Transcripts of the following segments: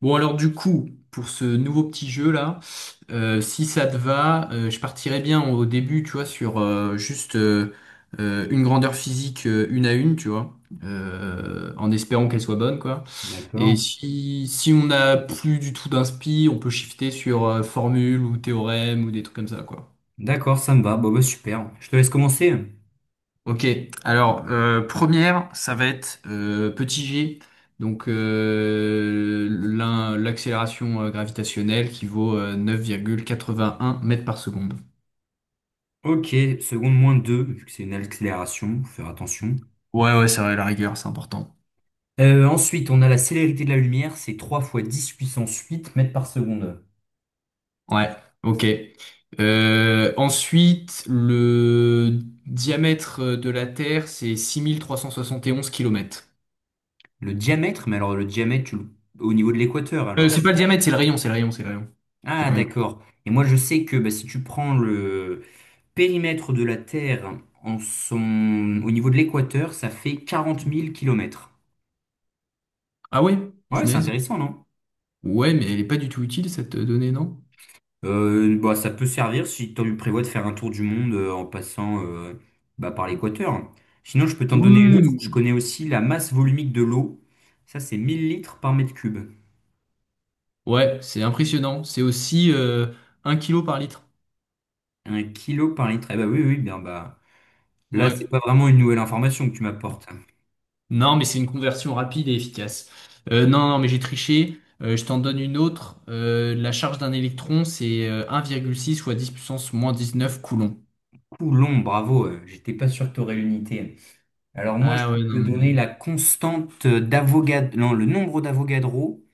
Bon alors du coup, pour ce nouveau petit jeu là, si ça te va, je partirais bien au début, tu vois, sur juste, une grandeur physique, une à une, tu vois, en espérant qu'elle soit bonne, quoi. Et D'accord. si on n'a plus du tout d'inspi, on peut shifter sur formule ou théorème ou des trucs comme ça, quoi. D'accord, ça me va. Bon, bah, super. Je te laisse commencer. Ok, alors première, ça va être petit g, donc l'accélération gravitationnelle qui vaut 9,81 mètres par seconde. Ok, seconde moins 2, vu que c'est une accélération, faut faire attention. Ouais, ouais, ça va, la rigueur, c'est important. Ensuite, on a la célérité de la lumière, c'est 3 fois 10 puissance 8 mètres par seconde. Ouais, ok. Ensuite, le diamètre de la Terre, c'est 6 371 km. Le diamètre, mais alors le diamètre, au niveau de l'équateur, alors. C'est pas le diamètre, c'est le rayon, c'est le rayon, c'est le rayon. C'est Ah, le rayon. d'accord. Et moi, je sais que bah, si tu prends le périmètre de la Terre en son... au niveau de l'équateur, ça fait 40 000 km. Ah ouais, Ouais, c'est punaise. intéressant, non? Ouais, mais elle est pas du tout utile cette donnée, non? Bah, ça peut servir si tu prévois de faire un tour du monde en passant bah, par l'équateur. Sinon, je peux t'en donner une autre. Je Oui, connais aussi la masse volumique de l'eau. Ça, c'est 1 000 litres par mètre cube. ouais, c'est impressionnant. C'est aussi 1 kilo par litre. Un kilo par litre. Eh bah oui, oui, bien bah. Là, c'est Ouais. pas vraiment une nouvelle information que tu m'apportes. Non, mais c'est une conversion rapide et efficace. Non, non, mais j'ai triché. Je t'en donne une autre. La charge d'un électron, c'est un virgule six fois 10 puissance moins 19 coulombs. Coulomb, bravo. J'étais pas sûr que t'aurais l'unité. Alors moi, je Ah peux ouais, te non, donner mais... la constante d'Avogadro, non, le nombre d'Avogadro.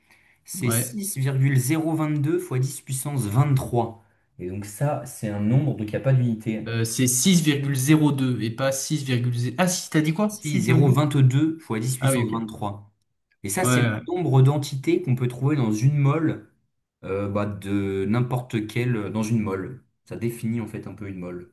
C'est Ouais. six virgule zéro vingt deux fois 10 puissance vingt trois. Et donc ça, c'est un nombre, donc il n'y a pas d'unité. C'est six virgule zéro deux et pas six virgule zéro. Ah si, t'as dit quoi? Six Si, zéro virgule. vingt deux fois 10 Ah oui, puissance ok. vingt Ouais, trois. Et ça, c'est le ouais. nombre d'entités qu'on peut trouver dans une mole, bah, de n'importe quelle, dans une mole. Ça définit en fait un peu une mole.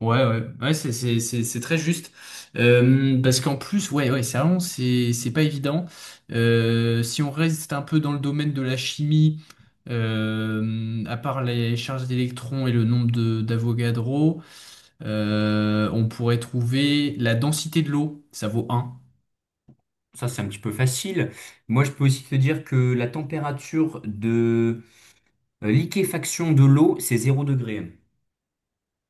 Ouais, ouais, ouais, c'est très juste. Parce qu'en plus, ouais, ouais, c'est vraiment c'est pas évident. Si on reste un peu dans le domaine de la chimie, à part les charges d'électrons et le nombre de d'Avogadro, on pourrait trouver la densité de l'eau, ça vaut un. Ça, c'est un petit peu facile. Moi, je peux aussi te dire que la température de liquéfaction de l'eau, c'est 0 degré.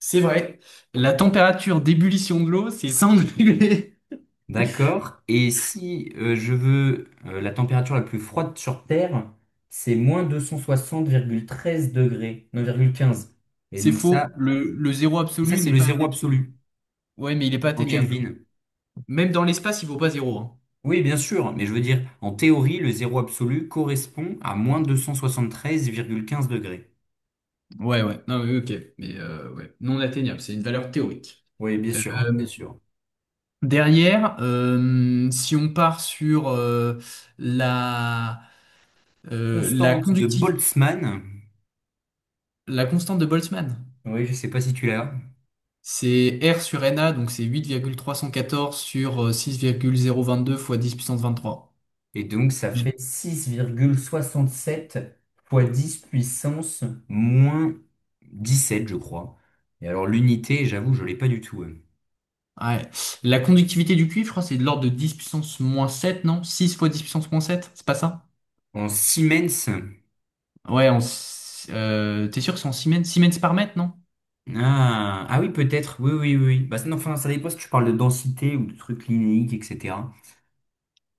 C'est vrai. La température d'ébullition de l'eau, c'est 100 degrés. D'accord. Et si je veux la température la plus froide sur Terre, c'est moins 260,13 degrés, 9,15. Et C'est donc ça, faux. Le zéro et ça absolu c'est n'est le pas zéro atteignable. absolu Ouais, mais il est pas en atteignable. Kelvin. Même dans l'espace, il vaut pas zéro, hein. Oui, bien sûr, mais je veux dire, en théorie, le zéro absolu correspond à moins 273,15 degrés. Ouais, ouais, non, oui, ok, mais ouais. Non atteignable, c'est une valeur théorique. Oui, bien Euh, sûr, bien sûr. Derrière, si on part sur la, euh, la Constante de conductiv- Boltzmann. la constante de Boltzmann, Oui, je sais pas si tu l'as. c'est R sur Na, donc c'est 8,314 sur 6,022 fois 10 puissance 23. Et donc, ça fait six virgule soixante-sept fois 10 puissance moins dix-sept, je crois. Et alors, l'unité, j'avoue, je l'ai pas du tout, hein. Ouais. La conductivité du cuivre, je crois, c'est de l'ordre de 10 puissance moins sept, non? Six fois 10 puissance moins sept, c'est pas ça? En Siemens. Ouais, en, t'es sûr que c'est en siemens par mètre, non? Ah, ah oui, peut-être. Oui, oui, oui, oui. Bah, non, enfin, ça dépend si tu parles de densité ou de trucs linéiques, etc.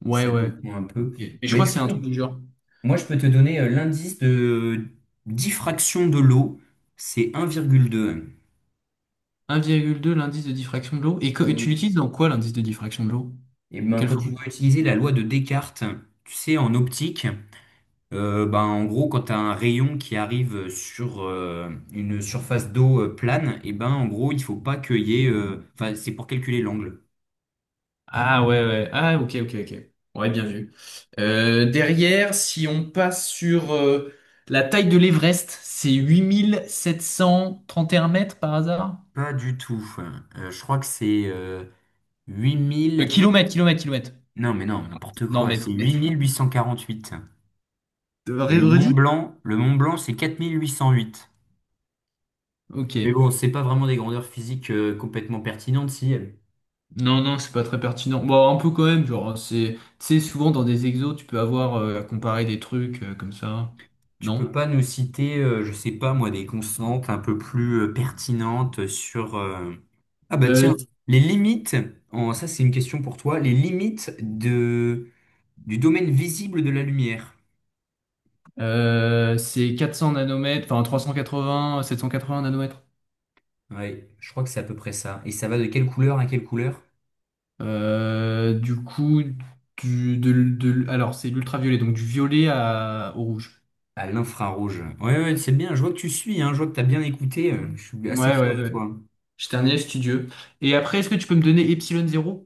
Ouais, Ça ouais. dépend un Ok. peu. Et je crois Mais que c'est un truc sinon, du genre moi, je peux te donner l'indice de diffraction de l'eau. C'est 1,2. 1,2, l'indice de diffraction de l'eau. Et tu Oui. l'utilises dans quoi, l'indice de diffraction de l'eau? Et ben, Quelle quand tu formule? dois utiliser la loi de Descartes, tu sais, en optique. Ben, en gros, quand tu as un rayon qui arrive sur une surface d'eau plane, et ben en gros, il faut pas qu'il y ait. Enfin, c'est pour calculer l'angle. Ah ouais, ouais. Ah ok, ok, ok. Ouais, bien vu. Derrière, si on passe sur la taille de l'Everest, c'est 8731 mètres, par hasard? Pas du tout. Je crois que c'est huit mille. Kilomètres, kilomètres, kilomètres. Non, mais non, n'importe Non, quoi. mètres. C'est huit Mètres. mille huit cent quarante-huit. Et Redis? Le Mont Blanc, c'est 4 808. Ok. Mais bon, c'est pas vraiment des grandeurs physiques complètement pertinentes, si. Non, non, c'est pas très pertinent. Bon, un peu quand même, genre, c'est, tu sais, souvent dans des exos, tu peux avoir à comparer des trucs comme ça. Tu peux Non? pas nous citer, je sais pas moi, des constantes un peu plus pertinentes sur... Ah bah Euh, tiens, les limites, ça c'est une question pour toi, les limites du domaine visible de la lumière. C'est 400 nanomètres, enfin trois cent quatre-vingt sept, quatre 780 nanomètres. Ouais, je crois que c'est à peu près ça. Et ça va de quelle couleur? Du coup, alors c'est l'ultraviolet, donc du violet au rouge. À l'infrarouge. Ouais, ouais, c'est bien, je vois que tu suis, hein, je vois que t'as bien écouté, je suis assez Ouais, fier ouais, de ouais. toi. J'étais un élève studieux. Et après, est-ce que tu peux me donner epsilon zéro?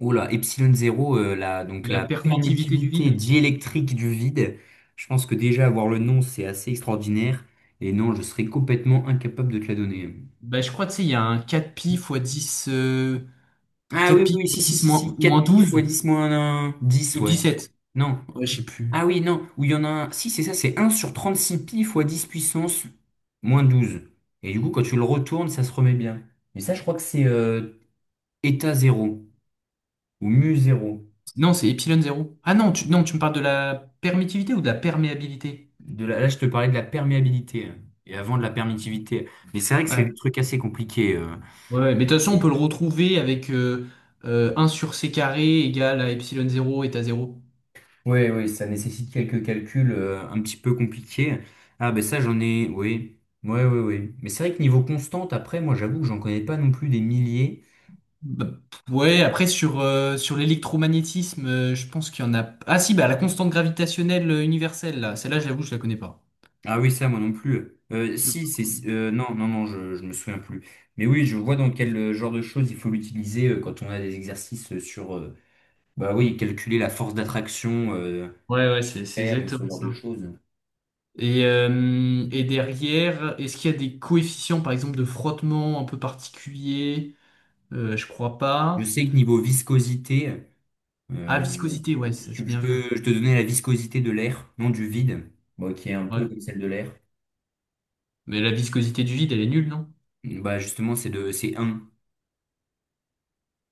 Oula, epsilon zéro, donc La la permittivité du permittivité vide? diélectrique du vide. Je pense que déjà avoir le nom, c'est assez extraordinaire. Et non, je serais complètement incapable de te la donner. Bah, je crois, tu sais, il y a un quatre pi fois dix, Ah 4 oui, pi oui, si, si, dix si, moins, si. moins 4 pi 12 fois 10 moins un, 10, ou ouais. 17. Non. Ouais, je sais plus. Ah oui, non. Ou il y en a un. Si, c'est ça, c'est un sur 36 pi fois 10 puissance moins 12. Et du coup, quand tu le retournes, ça se remet bien. Mais ça, je crois que c'est état 0 ou mu zéro. Non, c'est epsilon zéro. Ah non, tu, non, tu me parles de la permittivité ou de la perméabilité? Là, je te parlais de la perméabilité, hein, et avant de la permittivité. Mais c'est vrai que c'est Ouais. des trucs assez compliqués. Ouais, ouais. Mais de toute façon, on et- peut le retrouver avec 1 sur c carré égale à epsilon zéro est à zéro. Ouais, ouais, ça nécessite quelques calculs un petit peu compliqués. Ah, ben ça, j'en ai, oui. Ouais, ouais, ouais. Mais c'est vrai que niveau constante, après, moi, j'avoue que j'en connais pas non plus des milliers. Bah, ouais, après sur l'électromagnétisme, je pense qu'il y en a. Ah si, bah la constante gravitationnelle universelle, là. Celle-là, j'avoue, je la connais pas. Ah oui, ça, moi non plus. Si, c'est. Non, non, non, je me souviens plus. Mais oui, je vois dans quel genre de choses il faut l'utiliser quand on a des exercices sur. Bah oui, calculer la force d'attraction, Ouais, ouais, c'est faire ou ce exactement genre ça. de choses. Et derrière, est-ce qu'il y a des coefficients, par exemple, de frottement un peu particuliers? Je crois Je pas. sais que niveau viscosité, Ah, euh, viscosité, ouais, ça c'est je bien peux vu. je te donner la viscosité de l'air, non du vide, bon, qui est un peu Ouais. comme celle de l'air. Mais la viscosité du vide, elle est nulle, non? Bah justement, c'est un.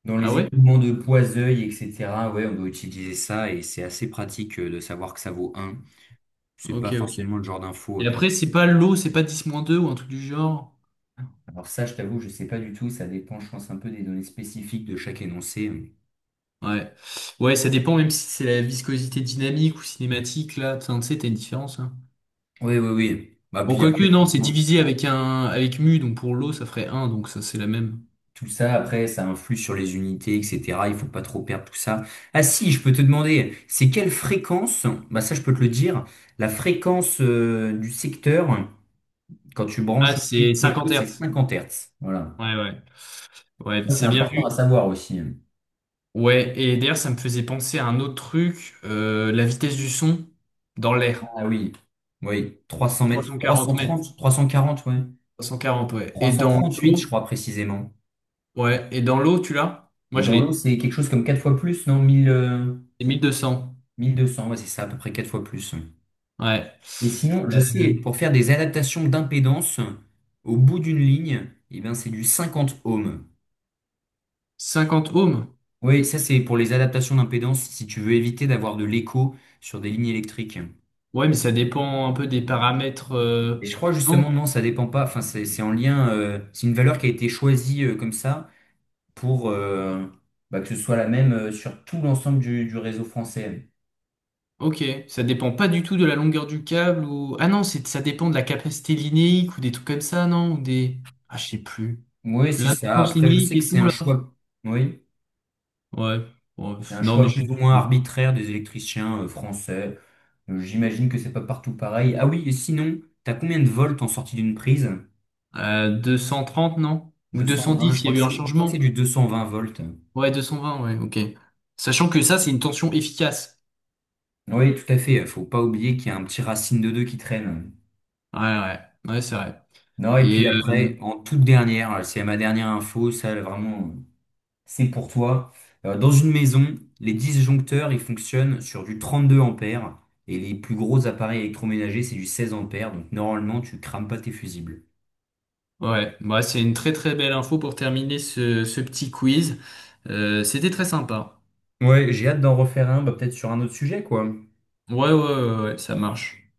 Dans Ah les ouais? écoulements de poids-œil, etc., ouais, on doit utiliser ça et c'est assez pratique de savoir que ça vaut un. C'est pas Ok, ok. forcément le genre d'info. Et après, c'est pas l'eau, c'est pas dix moins deux ou un truc du genre? Alors ça, je t'avoue, je sais pas du tout. Ça dépend, je pense, un peu des données spécifiques de chaque énoncé. Ouais. Ouais, ça dépend, même si c'est la viscosité dynamique ou cinématique, là. Enfin, tu sais, t'as une différence, hein. Oui, oui, oui. Bah Bon, puis quoique, après, non, c'est divisé avec un, avec mu, donc pour l'eau, ça ferait un. Donc ça, c'est la même. tout ça, après, ça influe sur les unités, etc. Il faut pas trop perdre tout ça. Ah si, je peux te demander, c'est quelle fréquence, bah ça je peux te le dire, la fréquence du secteur, quand tu Ah, branches c'est les 50 choses, c'est Hz. 50 Hertz. Voilà. Ouais, ouais. Ouais, Ça, c'est c'est bien important à vu. savoir aussi. Ouais, et d'ailleurs, ça me faisait penser à un autre truc, la vitesse du son dans l'air. Ah oui. Oui, 300 mètres, 340 mètres. 330, 340, ouais. 340, ouais. Et dans 338, je l'eau, crois précisément. ouais. Et dans l'eau, tu l'as? Moi, Et je dans l'eau, l'ai. c'est quelque chose comme 4 fois plus, non? 1000, C'est 1200. 1200, ouais, c'est ça, à peu près 4 fois plus. Ouais. Et sinon, je Euh, sais, pour faire des adaptations d'impédance, au bout d'une ligne, eh bien, c'est du 50 ohms. 50 ohms. Oui, ça c'est pour les adaptations d'impédance, si tu veux éviter d'avoir de l'écho sur des lignes électriques. Ouais, mais ça dépend un peu des paramètres. Et je crois Non, justement, non, ça dépend pas, enfin c'est en lien, c'est une valeur qui a été choisie comme ça pour bah, que ce soit la même sur tout l'ensemble du réseau français. ok. Ça dépend pas du tout de la longueur du câble ou. Ah non, c'est ça dépend de la capacité linéique ou des trucs comme ça, non? Ou des. Ah, je sais plus. Oui, c'est ça. L'impuissance Après, je linéique sais que et c'est tout, un là. choix, oui, Ouais. Ouais, c'est pff, un non, mais choix je plus suis. ou moins arbitraire des électriciens français. J'imagine que c'est pas partout pareil. Ah oui, et sinon, t'as combien de volts en sortie d'une prise? 230, non? Ou 220. Je 210, il crois y que a eu un c'est, je crois que c'est changement? du 220 volts. Ouais, 220, ouais, ok. Sachant que ça, c'est une tension efficace. Oui, tout à fait. Faut pas oublier qu'il y a un petit racine de 2 qui traîne. Ouais, ouais, ouais, c'est vrai. Non, et Et puis après, en toute dernière, c'est ma dernière info, ça vraiment, c'est pour toi. Dans une maison, les disjoncteurs, ils fonctionnent sur du 32 ampères et les plus gros appareils électroménagers, c'est du 16 ampères. Donc normalement, tu crames pas tes fusibles. ouais, bah, c'est une très très belle info pour terminer ce petit quiz. C'était très sympa. Ouais, j'ai hâte d'en refaire un, bah, peut-être sur un autre sujet, quoi. Ouais, ouais, ouais, ouais, ça marche.